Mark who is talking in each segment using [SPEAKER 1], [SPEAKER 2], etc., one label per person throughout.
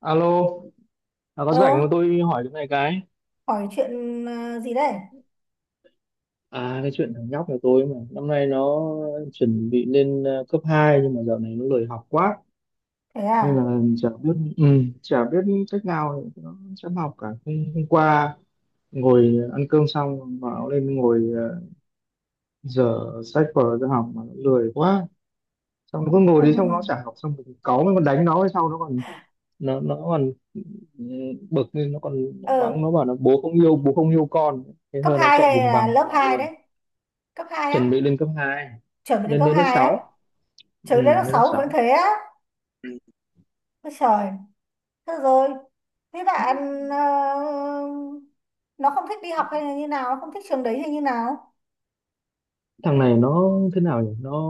[SPEAKER 1] Alo, à, có
[SPEAKER 2] Ờ,
[SPEAKER 1] rảnh không tôi hỏi cái này cái.
[SPEAKER 2] Hỏi chuyện gì đây?
[SPEAKER 1] À cái chuyện thằng nhóc của tôi mà năm nay nó chuẩn bị lên cấp 2 nhưng mà dạo này nó lười học quá
[SPEAKER 2] Thế
[SPEAKER 1] nên
[SPEAKER 2] à?
[SPEAKER 1] là chả biết chả biết cách nào để nó chăm học cả. Hôm qua ngồi ăn cơm xong bảo lên ngồi dở sách vở ra học mà nó lười quá. Xong nó cứ ngồi đi xong nó chả học xong mình cáu mình còn đánh nó hay sau nó còn nó còn ừ, bực nên nó còn
[SPEAKER 2] Ờ,
[SPEAKER 1] mắng nó bảo là bố không yêu con thế
[SPEAKER 2] Cấp
[SPEAKER 1] thôi nó
[SPEAKER 2] 2
[SPEAKER 1] chạy
[SPEAKER 2] hay
[SPEAKER 1] vùng
[SPEAKER 2] là
[SPEAKER 1] vằng ra
[SPEAKER 2] lớp
[SPEAKER 1] ngoài
[SPEAKER 2] 2
[SPEAKER 1] luôn.
[SPEAKER 2] đấy? Cấp hai
[SPEAKER 1] Chuẩn bị
[SPEAKER 2] á?
[SPEAKER 1] lên cấp 2,
[SPEAKER 2] Chuẩn bị đến
[SPEAKER 1] lên
[SPEAKER 2] cấp
[SPEAKER 1] lên lớp
[SPEAKER 2] hai á?
[SPEAKER 1] sáu
[SPEAKER 2] Chuẩn bị đến lớp
[SPEAKER 1] lên lớp
[SPEAKER 2] 6 vẫn
[SPEAKER 1] sáu
[SPEAKER 2] thế á? Ôi trời, thế rồi. Thế bạn ờ, nó không thích đi học hay là như nào? Nó không thích trường đấy hay như nào?
[SPEAKER 1] Thằng này nó thế nào nhỉ, nó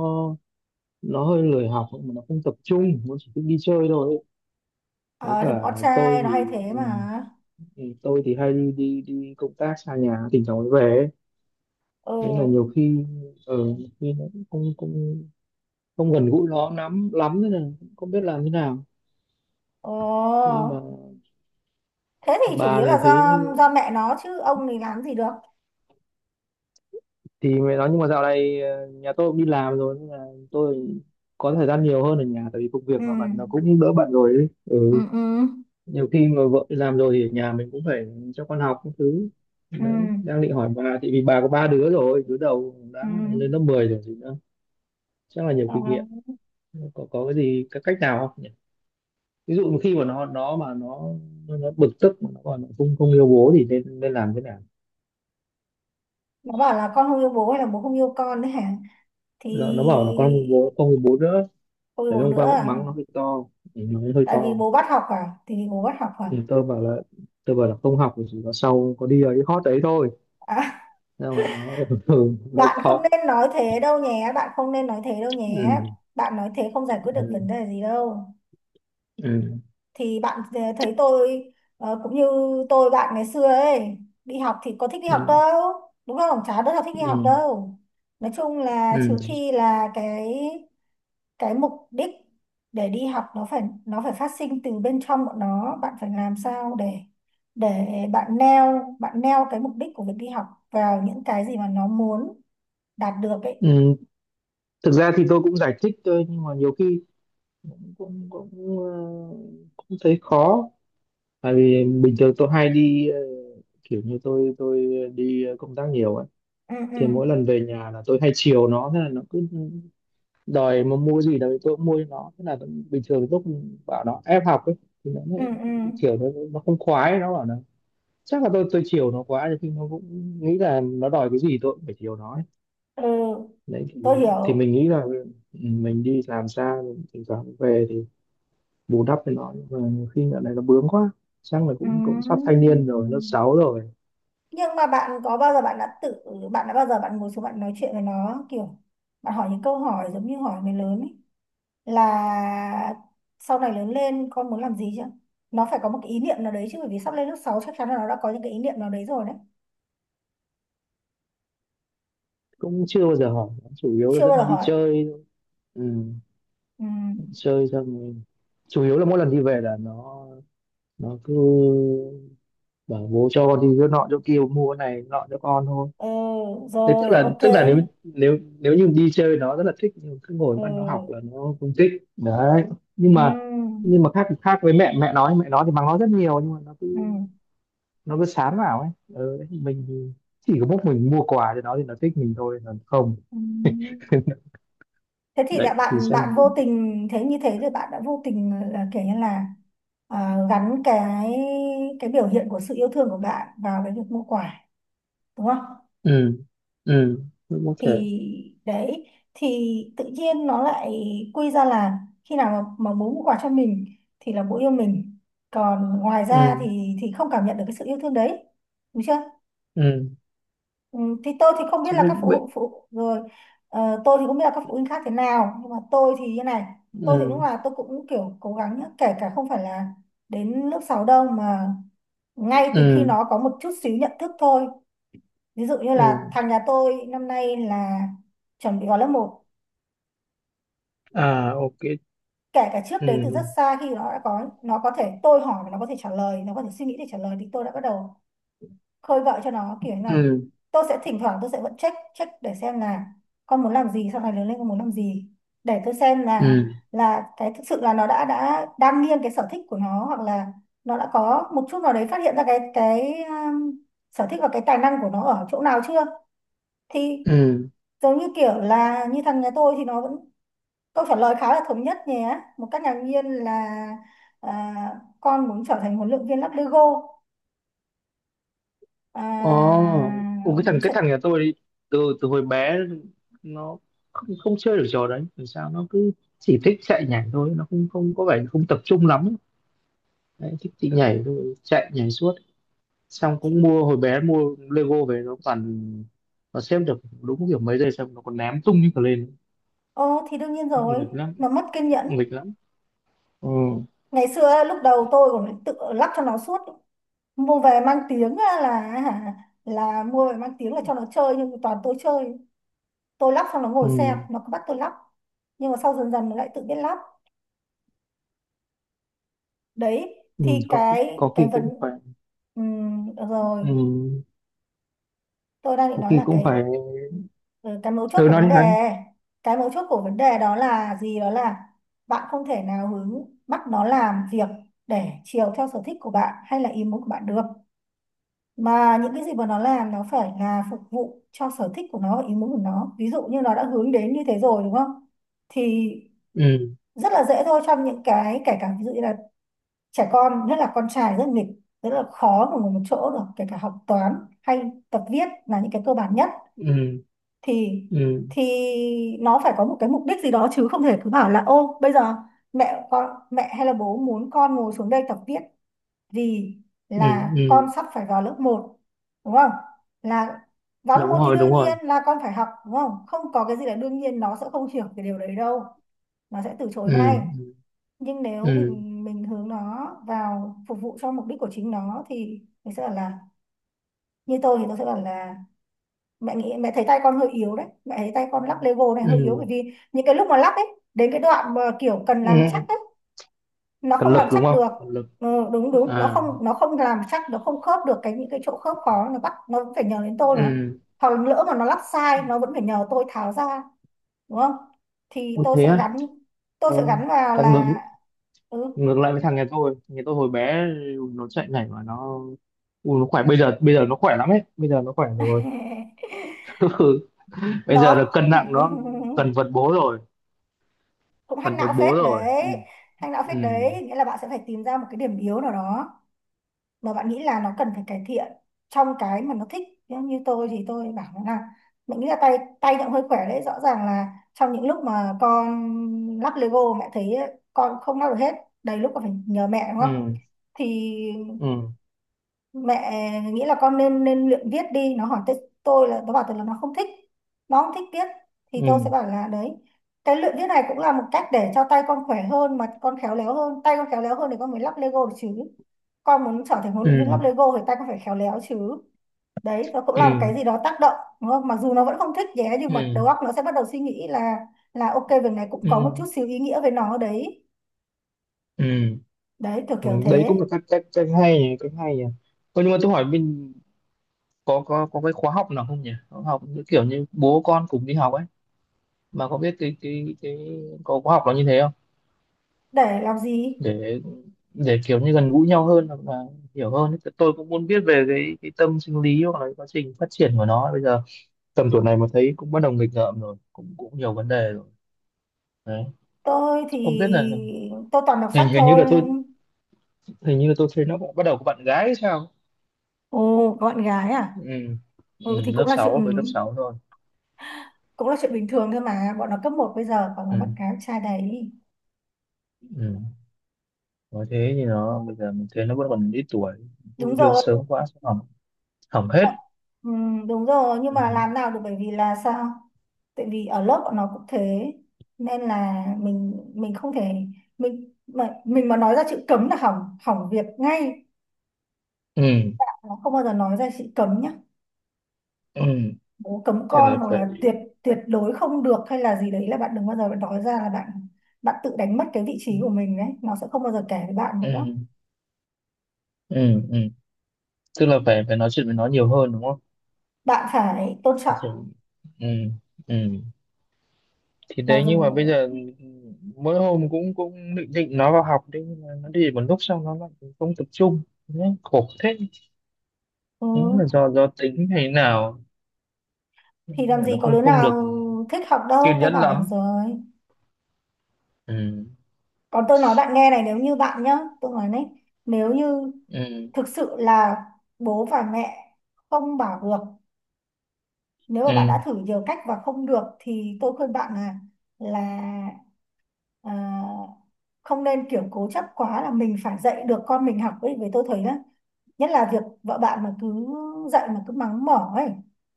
[SPEAKER 1] nó hơi lười học mà nó không tập trung, nó chỉ thích đi chơi thôi ấy. Với
[SPEAKER 2] Ờ, thì
[SPEAKER 1] cả
[SPEAKER 2] bọn con
[SPEAKER 1] tôi
[SPEAKER 2] trai nó hay
[SPEAKER 1] thì
[SPEAKER 2] thế
[SPEAKER 1] ừ,
[SPEAKER 2] mà.
[SPEAKER 1] tôi thì hay đi đi đi công tác xa nhà thỉnh thoảng mới về ấy.
[SPEAKER 2] Ừ,
[SPEAKER 1] Nên là nhiều khi ở khi nó cũng không không không gần gũi nó lắm lắm, nên là cũng không biết làm thế nào,
[SPEAKER 2] ồ.
[SPEAKER 1] nhưng mà
[SPEAKER 2] Thế thì chủ
[SPEAKER 1] bà
[SPEAKER 2] yếu
[SPEAKER 1] thì
[SPEAKER 2] là
[SPEAKER 1] thấy
[SPEAKER 2] do mẹ nó chứ ông thì làm gì được.
[SPEAKER 1] thì mẹ nói. Nhưng mà dạo này nhà tôi cũng đi làm rồi nên là tôi có thời gian nhiều hơn ở nhà tại vì công
[SPEAKER 2] Ừ,
[SPEAKER 1] việc dạo này nó cũng đỡ bận rồi ấy.
[SPEAKER 2] ừ,
[SPEAKER 1] Ừ.
[SPEAKER 2] ừ,
[SPEAKER 1] Nhiều khi mà vợ đi làm rồi thì ở nhà mình cũng phải cho con học các thứ.
[SPEAKER 2] ừ,
[SPEAKER 1] Đấy đang định hỏi bà thì vì bà có 3 đứa rồi, đứa đầu
[SPEAKER 2] ừ.
[SPEAKER 1] đã lên lớp 10 rồi gì nữa, chắc là nhiều
[SPEAKER 2] Ờ.
[SPEAKER 1] kinh nghiệm. Có cái gì cái cách nào không nhỉ, ví dụ mà khi mà nó mà nó bực tức mà nó còn không không yêu bố thì nên nên làm thế nào?
[SPEAKER 2] Nó bảo là con không yêu bố hay là bố không yêu con đấy hả? Thì
[SPEAKER 1] Nó bảo là con không yêu bố không yêu bố nữa.
[SPEAKER 2] không yêu
[SPEAKER 1] Đấy,
[SPEAKER 2] bố
[SPEAKER 1] hôm
[SPEAKER 2] nữa
[SPEAKER 1] qua cũng
[SPEAKER 2] à?
[SPEAKER 1] mắng nó hơi to, nó hơi
[SPEAKER 2] Tại vì
[SPEAKER 1] to.
[SPEAKER 2] bố bắt học à Thì vì bố bắt học à?
[SPEAKER 1] Ừ, tôi bảo là không học thì chỉ có sau có đi ở cái hot đấy thôi.
[SPEAKER 2] À,
[SPEAKER 1] Sao mà nó đau khổ.
[SPEAKER 2] bạn không nên nói thế đâu nhé.
[SPEAKER 1] Ừ,
[SPEAKER 2] Bạn nói thế không giải quyết được vấn
[SPEAKER 1] ừ,
[SPEAKER 2] đề gì đâu.
[SPEAKER 1] ừ,
[SPEAKER 2] Thì bạn thấy tôi, cũng như tôi bạn ngày xưa ấy, đi học thì có thích đi học
[SPEAKER 1] ừ,
[SPEAKER 2] đâu, đúng không? Chả đứa nào thích đi
[SPEAKER 1] ừ,
[SPEAKER 2] học đâu. Nói chung là
[SPEAKER 1] ừ.
[SPEAKER 2] trừ khi là cái mục đích để đi học nó phải phát sinh từ bên trong bọn nó. Bạn phải làm sao để để bạn neo, cái mục đích của việc đi học vào những cái gì mà nó muốn đạt được ấy.
[SPEAKER 1] Ừ, thực ra thì tôi cũng giải thích thôi nhưng mà nhiều khi cũng cũng cũng, ờ, cũng thấy khó, tại vì bình thường tôi hay kiểu như tôi đi công tác nhiều ấy.
[SPEAKER 2] Ừ, ừ,
[SPEAKER 1] Thì mỗi lần về nhà là tôi hay chiều nó, thế là nó cứ đòi mà mua gì đấy tôi cũng mua cho nó, thế là vẫn bình thường lúc bảo nó ép học ấy thì nó
[SPEAKER 2] ừ,
[SPEAKER 1] lại
[SPEAKER 2] ừ,
[SPEAKER 1] kiểu nó không khoái. Nó bảo là chắc là tôi chiều nó quá nhưng nó cũng nghĩ là nó đòi cái gì tôi cũng phải chiều nó ấy.
[SPEAKER 2] ừ.
[SPEAKER 1] Đấy thì
[SPEAKER 2] Tôi
[SPEAKER 1] thì
[SPEAKER 2] hiểu.
[SPEAKER 1] mình nghĩ là mình đi làm xa mình thỉnh thoảng về thì bù đắp với nó, nhưng mà nhiều khi dạo này nó bướng quá, chắc là
[SPEAKER 2] Ừ.
[SPEAKER 1] cũng cũng sắp thanh niên rồi, lớp 6 rồi.
[SPEAKER 2] Nhưng mà bạn đã bao giờ bạn ngồi xuống bạn nói chuyện với nó, kiểu bạn hỏi những câu hỏi giống như hỏi người lớn ấy, là sau này lớn lên con muốn làm gì chứ. Nó phải có một cái ý niệm nào đấy chứ, bởi vì sắp lên lớp 6 chắc chắn là nó đã có những cái ý niệm nào đấy rồi đấy.
[SPEAKER 1] Cũng chưa bao giờ hỏi nó, chủ yếu là
[SPEAKER 2] Chưa bao
[SPEAKER 1] dẫn
[SPEAKER 2] giờ
[SPEAKER 1] nó đi
[SPEAKER 2] hỏi.
[SPEAKER 1] chơi. Ừ,
[SPEAKER 2] Ừ,
[SPEAKER 1] chơi xong rồi chủ yếu là mỗi lần đi về là nó cứ bảo bố cho con đi chỗ nọ chỗ kia mua cái này nọ cho con thôi.
[SPEAKER 2] ừ,
[SPEAKER 1] Thế tức
[SPEAKER 2] rồi,
[SPEAKER 1] là
[SPEAKER 2] ok.
[SPEAKER 1] tức là nếu nếu nếu như đi chơi nó rất là thích nhưng cứ ngồi
[SPEAKER 2] Ừ,
[SPEAKER 1] bắt nó học là nó không thích đấy. nhưng mà
[SPEAKER 2] ừ,
[SPEAKER 1] nhưng mà khác khác với mẹ, mẹ nói thì mắng nó rất nhiều nhưng mà nó
[SPEAKER 2] ừ,
[SPEAKER 1] cứ nó cứ sán vào ấy, ừ, đấy, mình thì chỉ có mỗi mình mua quà cho nó thì nó thích mình thôi còn không.
[SPEAKER 2] ừ. Thế thì
[SPEAKER 1] Đấy
[SPEAKER 2] đã
[SPEAKER 1] thì
[SPEAKER 2] bạn bạn
[SPEAKER 1] xem.
[SPEAKER 2] vô tình, thế như thế thì bạn đã vô tình là kiểu như là gắn cái biểu hiện của sự yêu thương của bạn vào cái việc mua quà, đúng không?
[SPEAKER 1] Ừ, ừ. Cũng có thể.
[SPEAKER 2] Thì đấy, thì tự nhiên nó lại quy ra là khi nào mà bố mua quà cho mình thì là bố yêu mình, còn ngoài ra
[SPEAKER 1] Ừ,
[SPEAKER 2] thì không cảm nhận được cái sự yêu thương đấy, đúng chưa?
[SPEAKER 1] ừ.
[SPEAKER 2] Ừ, thì tôi thì không biết
[SPEAKER 1] Chứ
[SPEAKER 2] là các
[SPEAKER 1] bên
[SPEAKER 2] phụ
[SPEAKER 1] bên
[SPEAKER 2] huynh phụ rồi, tôi thì không biết là các phụ huynh khác thế nào nhưng mà tôi thì như này. Tôi thì lúc
[SPEAKER 1] Ừ,
[SPEAKER 2] nào tôi cũng kiểu cố gắng nhá, kể cả không phải là đến lớp 6 đâu, mà ngay từ khi
[SPEAKER 1] ừ,
[SPEAKER 2] nó có một chút xíu nhận thức thôi. Ví dụ như
[SPEAKER 1] ừ.
[SPEAKER 2] là thằng nhà tôi năm nay là chuẩn bị vào lớp một,
[SPEAKER 1] À, ok.
[SPEAKER 2] kể cả trước đấy từ rất
[SPEAKER 1] Ừ,
[SPEAKER 2] xa, khi nó đã có, nó có thể tôi hỏi và nó có thể trả lời, nó có thể suy nghĩ để trả lời, thì tôi đã bắt đầu khơi gợi cho nó, kiểu như là
[SPEAKER 1] ừ,
[SPEAKER 2] tôi sẽ thỉnh thoảng tôi sẽ vẫn check check để xem là con muốn làm gì, sau này lớn lên con muốn làm gì, để tôi xem là
[SPEAKER 1] ừ,
[SPEAKER 2] cái thực sự là nó đã đang nghiêng cái sở thích của nó, hoặc là nó đã có một chút nào đấy phát hiện ra cái sở thích và cái tài năng của nó ở chỗ nào chưa. Thì
[SPEAKER 1] ừ.
[SPEAKER 2] giống như kiểu là như thằng nhà tôi thì nó vẫn câu trả lời khá là thống nhất nhé. Một cách ngạc nhiên là à, con muốn trở thành huấn luyện viên lắp Lego. À,
[SPEAKER 1] Ồ. Ủa, cái thằng
[SPEAKER 2] muốn
[SPEAKER 1] cái
[SPEAKER 2] trở
[SPEAKER 1] thằng nhà tôi đi từ từ hồi bé nó không chơi được trò đấy làm sao, nó cứ chỉ thích chạy nhảy thôi, nó không không có vẻ không tập trung lắm. Đấy, thích thì nhảy thôi, chạy nhảy suốt, xong
[SPEAKER 2] chị.
[SPEAKER 1] cũng mua hồi bé mua Lego về nó toàn nó xếp được đúng kiểu mấy giây xong nó còn ném tung như cả lên.
[SPEAKER 2] Ồ thì đương nhiên rồi,
[SPEAKER 1] Nghịch lắm,
[SPEAKER 2] mà mất kiên nhẫn.
[SPEAKER 1] nghịch lắm. Ừ.
[SPEAKER 2] Ngày xưa lúc đầu tôi còn tự lắp cho nó suốt, mua về mang tiếng á là hả, là mua về mang tiếng là cho nó chơi nhưng mà toàn tôi chơi. Tôi lắp xong nó
[SPEAKER 1] Ừ,
[SPEAKER 2] ngồi xem, nó cứ bắt tôi lắp. Nhưng mà sau dần dần nó lại tự biết lắp. Đấy,
[SPEAKER 1] ừ.
[SPEAKER 2] thì
[SPEAKER 1] có
[SPEAKER 2] cái
[SPEAKER 1] có
[SPEAKER 2] cái
[SPEAKER 1] khi
[SPEAKER 2] vấn—
[SPEAKER 1] cũng phải.
[SPEAKER 2] Được rồi,
[SPEAKER 1] Ừ,
[SPEAKER 2] tôi đang định
[SPEAKER 1] có
[SPEAKER 2] nói
[SPEAKER 1] khi
[SPEAKER 2] là
[SPEAKER 1] cũng
[SPEAKER 2] cái.
[SPEAKER 1] phải.
[SPEAKER 2] Ừ, cái mấu chốt
[SPEAKER 1] Ừ,
[SPEAKER 2] của
[SPEAKER 1] nói
[SPEAKER 2] vấn
[SPEAKER 1] đi
[SPEAKER 2] đề,
[SPEAKER 1] hắn.
[SPEAKER 2] cái mấu chốt của vấn đề đó là gì, đó là bạn không thể nào hướng bắt nó làm việc để chiều theo sở thích của bạn hay là ý muốn của bạn được, mà những cái gì mà nó làm, nó phải là phục vụ cho sở thích của nó và ý muốn của nó. Ví dụ như nó đã hướng đến như thế rồi đúng không, thì
[SPEAKER 1] Ừ,
[SPEAKER 2] rất là dễ thôi. Trong những cái, kể cả ví dụ như là trẻ con nhất là con trai rất nghịch, rất là khó mà ngồi một chỗ được, kể cả học toán hay tập viết là những cái cơ bản nhất,
[SPEAKER 1] ừ,
[SPEAKER 2] thì
[SPEAKER 1] ừ,
[SPEAKER 2] thì nó phải có một cái mục đích gì đó, chứ không thể cứ bảo là ô bây giờ mẹ con mẹ hay là bố muốn con ngồi xuống đây tập viết vì
[SPEAKER 1] ừ,
[SPEAKER 2] là con
[SPEAKER 1] ừ.
[SPEAKER 2] sắp phải vào lớp một, đúng không? Là vào lớp
[SPEAKER 1] Đúng
[SPEAKER 2] một thì
[SPEAKER 1] rồi,
[SPEAKER 2] đương
[SPEAKER 1] đúng rồi.
[SPEAKER 2] nhiên là con phải học đúng không, không có cái gì là đương nhiên, nó sẽ không hiểu cái điều đấy đâu, nó sẽ từ chối
[SPEAKER 1] Ừ,
[SPEAKER 2] ngay. Nhưng nếu
[SPEAKER 1] ừ,
[SPEAKER 2] mình hướng nó vào phục vụ cho mục đích của chính nó, thì mình sẽ bảo là, như tôi thì tôi sẽ bảo là mẹ nghĩ, mẹ thấy tay con hơi yếu đấy, mẹ thấy tay con lắc Lego này hơi yếu,
[SPEAKER 1] ừ,
[SPEAKER 2] bởi vì những cái lúc mà lắc ấy, đến cái đoạn mà kiểu cần
[SPEAKER 1] ừ,
[SPEAKER 2] làm
[SPEAKER 1] ừ.
[SPEAKER 2] chắc ấy, nó
[SPEAKER 1] Cần
[SPEAKER 2] không làm
[SPEAKER 1] lực đúng
[SPEAKER 2] chắc
[SPEAKER 1] không,
[SPEAKER 2] được.
[SPEAKER 1] cần lực.
[SPEAKER 2] Ừ, đúng đúng,
[SPEAKER 1] À,
[SPEAKER 2] nó không làm chắc, nó không khớp được cái những cái chỗ khớp khó, nó bắt, nó vẫn phải nhờ đến tôi mà,
[SPEAKER 1] ừ.
[SPEAKER 2] hoặc là lỡ mà nó lắp sai nó vẫn phải nhờ tôi tháo ra, đúng không? Thì
[SPEAKER 1] Ủa, thế á?
[SPEAKER 2] tôi
[SPEAKER 1] Ừ.
[SPEAKER 2] sẽ gắn vào
[SPEAKER 1] Thằng ngược
[SPEAKER 2] là, ừ.
[SPEAKER 1] ngược lại với thằng nhà tôi. Thằng nhà tôi hồi bé nó chạy nhảy mà nó. Ui, nó khỏe, bây giờ nó khỏe lắm ấy, bây giờ nó khỏe rồi. Ừ. Bây giờ
[SPEAKER 2] Nó
[SPEAKER 1] là cân nặng nó gần vật bố rồi,
[SPEAKER 2] cũng hack
[SPEAKER 1] gần vật
[SPEAKER 2] não
[SPEAKER 1] bố
[SPEAKER 2] phết
[SPEAKER 1] rồi. Ừ.
[SPEAKER 2] đấy hack não
[SPEAKER 1] Ừ,
[SPEAKER 2] phết đấy, nghĩa là bạn sẽ phải tìm ra một cái điểm yếu nào đó mà bạn nghĩ là nó cần phải cải thiện trong cái mà nó thích. Ví như tôi thì tôi bảo nó là mình nghĩ là tay tay nó hơi khỏe đấy, rõ ràng là trong những lúc mà con lắp Lego mẹ thấy con không lắp được hết, đầy lúc còn phải nhờ mẹ đúng không,
[SPEAKER 1] ừ,
[SPEAKER 2] thì
[SPEAKER 1] ừ,
[SPEAKER 2] mẹ nghĩ là con nên nên luyện viết đi. Nó hỏi tới tôi, là nó bảo tôi là nó không thích, nó không thích viết. Thì
[SPEAKER 1] ừ,
[SPEAKER 2] tôi sẽ bảo là đấy, cái luyện viết này cũng là một cách để cho tay con khỏe hơn mà con khéo léo hơn, tay con khéo léo hơn thì con mới lắp Lego được chứ, con muốn trở thành huấn
[SPEAKER 1] ừ,
[SPEAKER 2] luyện viên lắp Lego thì tay con phải khéo léo chứ. Đấy, nó cũng
[SPEAKER 1] ừ,
[SPEAKER 2] là một cái
[SPEAKER 1] ừ,
[SPEAKER 2] gì đó tác động đúng không, mặc dù nó vẫn không thích nhé, nhưng
[SPEAKER 1] ừ,
[SPEAKER 2] mà
[SPEAKER 1] ừ,
[SPEAKER 2] đầu óc nó sẽ bắt đầu suy nghĩ là ok việc này cũng có một
[SPEAKER 1] ừ,
[SPEAKER 2] chút xíu ý nghĩa với nó đấy.
[SPEAKER 1] ừ.
[SPEAKER 2] Đấy, kiểu
[SPEAKER 1] Ừ,
[SPEAKER 2] kiểu
[SPEAKER 1] đấy
[SPEAKER 2] thế.
[SPEAKER 1] cũng là cách cách cách hay nhỉ, cách hay nhỉ. Ơ, nhưng mà tôi hỏi mình có cái khóa học nào không nhỉ? Khóa học như kiểu như bố con cùng đi học ấy, mà có biết cái có khóa học nó như thế không?
[SPEAKER 2] Để làm gì?
[SPEAKER 1] Để để kiểu như gần gũi nhau hơn hoặc là hiểu hơn ấy. Tôi cũng muốn biết về cái tâm sinh lý hoặc là quá trình phát triển của nó ấy. Bây giờ tầm tuổi này mà thấy cũng bắt đầu nghịch ngợm rồi, cũng cũng nhiều vấn đề rồi. Đấy.
[SPEAKER 2] Tôi
[SPEAKER 1] Không
[SPEAKER 2] thì
[SPEAKER 1] biết là
[SPEAKER 2] tôi toàn đọc
[SPEAKER 1] hình
[SPEAKER 2] sách
[SPEAKER 1] hình như
[SPEAKER 2] thôi
[SPEAKER 1] là tôi
[SPEAKER 2] nên.
[SPEAKER 1] hình như là tôi thấy nó bắt đầu có bạn gái hay sao?
[SPEAKER 2] Ồ, gọn gái à?
[SPEAKER 1] Ừ. Ừ,
[SPEAKER 2] Ừ, thì
[SPEAKER 1] lớp
[SPEAKER 2] cũng là chuyện,
[SPEAKER 1] 6 với lớp 6 rồi.
[SPEAKER 2] cũng là chuyện bình thường thôi mà, bọn nó cấp một bây giờ còn nó mất
[SPEAKER 1] Ừ.
[SPEAKER 2] cái trai đấy.
[SPEAKER 1] Ừ. Nói thế thì nó bây giờ mình thấy nó vẫn còn ít tuổi, thu
[SPEAKER 2] Đúng
[SPEAKER 1] được
[SPEAKER 2] rồi, đúng,
[SPEAKER 1] sớm quá sẽ hỏng, hỏng hết.
[SPEAKER 2] rồi. Ừ, đúng rồi, nhưng
[SPEAKER 1] Ừ.
[SPEAKER 2] mà làm nào được bởi vì là sao, tại vì ở lớp bọn nó cũng thế, nên là mình không thể, mình mà nói ra chữ cấm là hỏng hỏng việc ngay.
[SPEAKER 1] Ừ.
[SPEAKER 2] Nó không bao giờ nói ra chữ cấm nhá,
[SPEAKER 1] Ừ.
[SPEAKER 2] bố cấm
[SPEAKER 1] Thế
[SPEAKER 2] con,
[SPEAKER 1] là
[SPEAKER 2] hoặc
[SPEAKER 1] phải.
[SPEAKER 2] là tuyệt, tuyệt đối không được, hay là gì đấy, là bạn đừng bao giờ bạn nói ra, là bạn, bạn tự đánh mất cái vị
[SPEAKER 1] Ừ.
[SPEAKER 2] trí của mình đấy, nó sẽ không bao giờ kể với bạn nữa.
[SPEAKER 1] Ừ. Ừ. Tức là phải phải nói chuyện với nó nhiều hơn đúng không?
[SPEAKER 2] Bạn phải tôn trọng
[SPEAKER 1] Nói chuyện- ừ. Ừ. Thì
[SPEAKER 2] mà
[SPEAKER 1] đấy
[SPEAKER 2] dù.
[SPEAKER 1] nhưng mà bây giờ mỗi hôm cũng cũng định định nó vào học đấy, nhưng mà nó đi một lúc xong nó lại không tập trung. Đấy, khổ thế.
[SPEAKER 2] Ừ,
[SPEAKER 1] Đúng là do tính hay nào,
[SPEAKER 2] thì làm
[SPEAKER 1] nó
[SPEAKER 2] gì có
[SPEAKER 1] không
[SPEAKER 2] đứa
[SPEAKER 1] không được
[SPEAKER 2] nào thích học đâu,
[SPEAKER 1] kiên
[SPEAKER 2] tôi
[SPEAKER 1] nhẫn
[SPEAKER 2] bảo bạn
[SPEAKER 1] lắm.
[SPEAKER 2] rồi.
[SPEAKER 1] Ừ.
[SPEAKER 2] Còn tôi nói bạn nghe này, nếu như bạn nhá, tôi nói đấy, nếu như
[SPEAKER 1] Ừ.
[SPEAKER 2] thực sự là bố và mẹ không bảo được, nếu mà bạn
[SPEAKER 1] Ừ.
[SPEAKER 2] đã thử nhiều cách và không được, thì tôi khuyên bạn là à, không nên kiểu cố chấp quá là mình phải dạy được con mình học ấy, với tôi thấy đó nhất là việc vợ bạn mà cứ dạy mà cứ mắng mỏ ấy,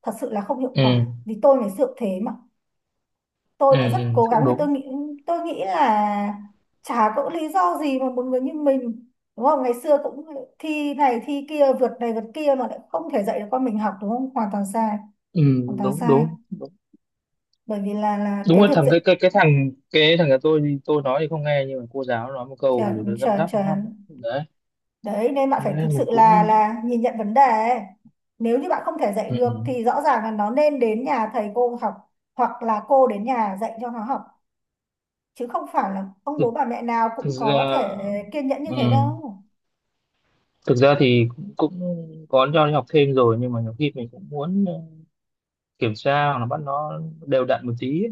[SPEAKER 2] thật sự là không hiệu
[SPEAKER 1] Ừ.
[SPEAKER 2] quả, vì tôi ngày xưa cũng thế mà, tôi
[SPEAKER 1] Ừ,
[SPEAKER 2] đã rất
[SPEAKER 1] ừ,
[SPEAKER 2] cố gắng
[SPEAKER 1] cũng
[SPEAKER 2] thì tôi
[SPEAKER 1] đúng.
[SPEAKER 2] nghĩ tôi nghĩ là chả có lý do gì mà một người như mình đúng không, ngày xưa cũng thi này thi kia, vượt này vượt kia, mà lại không thể dạy được con mình học, đúng không? Hoàn toàn sai,
[SPEAKER 1] Ừ,
[SPEAKER 2] hoàn toàn
[SPEAKER 1] đúng
[SPEAKER 2] sai,
[SPEAKER 1] đúng đúng.
[SPEAKER 2] bởi vì là
[SPEAKER 1] Đúng
[SPEAKER 2] cái
[SPEAKER 1] là
[SPEAKER 2] việc
[SPEAKER 1] thằng
[SPEAKER 2] dạy.
[SPEAKER 1] cái thằng nhà tôi thì tôi nói thì không nghe nhưng mà cô giáo nói một câu rồi
[SPEAKER 2] Chuẩn,
[SPEAKER 1] nó răm
[SPEAKER 2] chuẩn,
[SPEAKER 1] rắp răm rắp.
[SPEAKER 2] chuẩn.
[SPEAKER 1] Đấy
[SPEAKER 2] Đấy, nên bạn phải thực
[SPEAKER 1] nên
[SPEAKER 2] sự
[SPEAKER 1] mình
[SPEAKER 2] là
[SPEAKER 1] cũng,
[SPEAKER 2] nhìn nhận vấn đề ấy. Nếu như bạn không thể dạy
[SPEAKER 1] ừ,
[SPEAKER 2] được, thì rõ ràng là nó nên đến nhà thầy cô học, hoặc là cô đến nhà dạy cho nó học, chứ không phải là ông
[SPEAKER 1] thực,
[SPEAKER 2] bố bà mẹ nào
[SPEAKER 1] thực
[SPEAKER 2] cũng có
[SPEAKER 1] ra
[SPEAKER 2] thể kiên nhẫn như thế
[SPEAKER 1] ừ,
[SPEAKER 2] đâu.
[SPEAKER 1] thực ra thì cũng có cho đi học thêm rồi, nhưng mà nhiều khi mình cũng muốn kiểm tra hoặc là bắt nó đều đặn một tí ấy.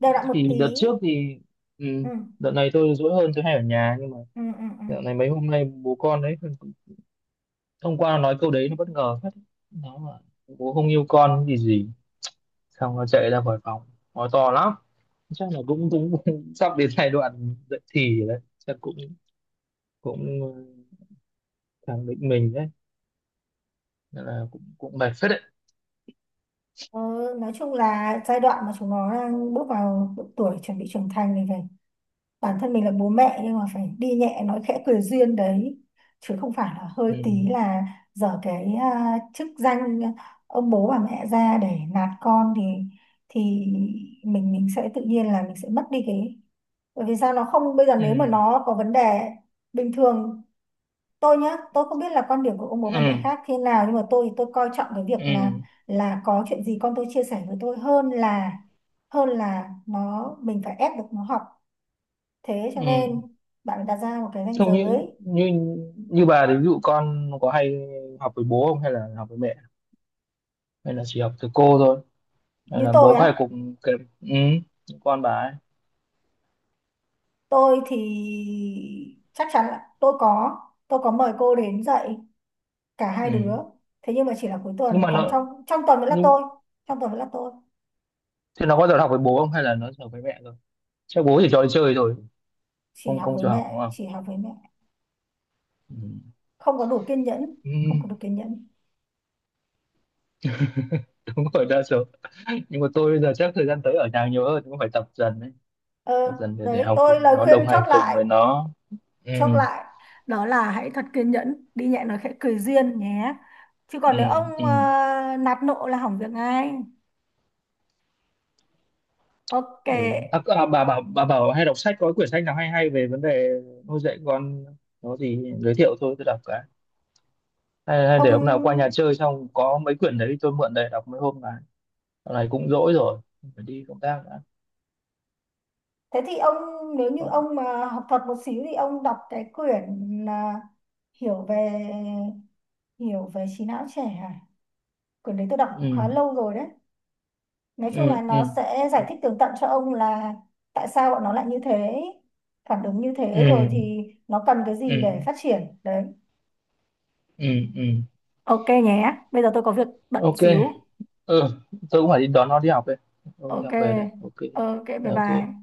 [SPEAKER 2] Đều đặn một
[SPEAKER 1] Thì đợt
[SPEAKER 2] tí.
[SPEAKER 1] trước thì ừ,
[SPEAKER 2] Ừ,
[SPEAKER 1] đợt này tôi dỗi hơn tôi hay ở nhà. Nhưng mà
[SPEAKER 2] ừ, ừ, ừ.
[SPEAKER 1] dạo này mấy hôm nay bố con đấy, hôm qua nó nói câu đấy nó bất ngờ phết. Nó là bố không yêu con gì gì xong nó chạy ra khỏi phòng, nói to lắm. Chắc là cũng cũng, sắp đến giai đoạn dậy thì rồi đấy, chắc cũng cũng ờ, khẳng định mình đấy. Nên là cũng cũng mệt phết đấy.
[SPEAKER 2] Ừ, nói chung là giai đoạn mà chúng nó đang bước vào độ tuổi chuẩn bị trưởng thành này, bản thân mình là bố mẹ nhưng mà phải đi nhẹ nói khẽ cười duyên đấy, chứ không phải là hơi
[SPEAKER 1] Ừ.
[SPEAKER 2] tí là dở cái chức danh ông bố bà mẹ ra để nạt con, thì thì mình sẽ tự nhiên là mình sẽ mất đi cái, bởi vì sao, nó không, bây giờ nếu mà
[SPEAKER 1] Ừ.
[SPEAKER 2] nó có vấn đề bình thường, tôi nhá, tôi không biết là quan điểm của ông bố bà mẹ
[SPEAKER 1] Ừ.
[SPEAKER 2] khác thế nào nhưng mà tôi thì tôi coi trọng cái việc là
[SPEAKER 1] Ừ.
[SPEAKER 2] có chuyện gì con tôi chia sẻ với tôi, hơn là nó mình phải ép được nó học. Thế cho
[SPEAKER 1] Ừ.
[SPEAKER 2] nên bạn phải đặt ra một cái ranh
[SPEAKER 1] Không như
[SPEAKER 2] giới.
[SPEAKER 1] như như bà thì ví dụ con có hay học với bố không hay là học với mẹ, hay là chỉ học từ cô thôi, hay
[SPEAKER 2] Như
[SPEAKER 1] là
[SPEAKER 2] tôi
[SPEAKER 1] bố có hay
[SPEAKER 2] á,
[SPEAKER 1] cùng kèm con bà ấy?
[SPEAKER 2] tôi thì chắc chắn là tôi có mời cô đến dạy cả hai đứa.
[SPEAKER 1] Ừ.
[SPEAKER 2] Thế nhưng mà chỉ là cuối
[SPEAKER 1] Nhưng
[SPEAKER 2] tuần,
[SPEAKER 1] mà
[SPEAKER 2] còn
[SPEAKER 1] nó.
[SPEAKER 2] trong trong tuần vẫn là tôi, trong tuần vẫn là tôi,
[SPEAKER 1] Thế nó có giờ học với bố không hay là nó giờ với mẹ rồi? Chắc bố chỉ cho đi chơi rồi,
[SPEAKER 2] chỉ
[SPEAKER 1] không
[SPEAKER 2] học
[SPEAKER 1] không
[SPEAKER 2] với
[SPEAKER 1] cho học đúng
[SPEAKER 2] mẹ,
[SPEAKER 1] không? Ừ.
[SPEAKER 2] không có đủ kiên nhẫn,
[SPEAKER 1] Ừ,
[SPEAKER 2] không có đủ kiên nhẫn.
[SPEAKER 1] đúng rồi đa số. Nhưng mà tôi bây giờ chắc thời gian tới ở nhà nhiều hơn, cũng phải tập dần đấy,
[SPEAKER 2] Ờ,
[SPEAKER 1] tập dần để
[SPEAKER 2] đấy,
[SPEAKER 1] học
[SPEAKER 2] tôi
[SPEAKER 1] cùng với
[SPEAKER 2] lời
[SPEAKER 1] nó,
[SPEAKER 2] khuyên
[SPEAKER 1] đồng
[SPEAKER 2] chốt
[SPEAKER 1] hành cùng
[SPEAKER 2] lại,
[SPEAKER 1] với nó. Ừ,
[SPEAKER 2] chốt lại đó là hãy thật kiên nhẫn, đi nhẹ nói khẽ cười duyên nhé. Chứ còn
[SPEAKER 1] ừ,
[SPEAKER 2] nếu ông
[SPEAKER 1] ừ.
[SPEAKER 2] nạt nộ là hỏng việc ngay. Ok.
[SPEAKER 1] Ừ. À, bà bảo hay đọc sách, có quyển sách nào hay hay về vấn đề nuôi dạy con nó gì giới thiệu thôi tôi đọc cái hay, hay để hôm nào qua nhà
[SPEAKER 2] ông
[SPEAKER 1] chơi xong có mấy quyển đấy tôi mượn để đọc mấy hôm này, dạo này cũng rỗi rồi, phải đi công tác đã.
[SPEAKER 2] Thế thì ông, nếu như
[SPEAKER 1] Có.
[SPEAKER 2] ông mà học thuật một xíu thì ông đọc cái quyển hiểu về, hiểu về trí não trẻ à, quyển đấy tôi đọc
[SPEAKER 1] Ừ.
[SPEAKER 2] khá lâu rồi đấy. Nói chung
[SPEAKER 1] Ừ,
[SPEAKER 2] là nó
[SPEAKER 1] ừ,
[SPEAKER 2] sẽ giải thích tường tận cho ông là tại sao bọn nó lại như thế, phản ứng như thế, rồi
[SPEAKER 1] ừ,
[SPEAKER 2] thì nó cần cái gì
[SPEAKER 1] ừ,
[SPEAKER 2] để phát triển đấy.
[SPEAKER 1] ừ. ừ
[SPEAKER 2] Ok nhé, bây giờ tôi có việc bận
[SPEAKER 1] ok.
[SPEAKER 2] xíu.
[SPEAKER 1] Ừ. Tôi cũng phải đi đón nó đi học đây. Tôi cũng đi
[SPEAKER 2] Ok,
[SPEAKER 1] học về đây. Ok.
[SPEAKER 2] ok, bye bye.
[SPEAKER 1] Ok.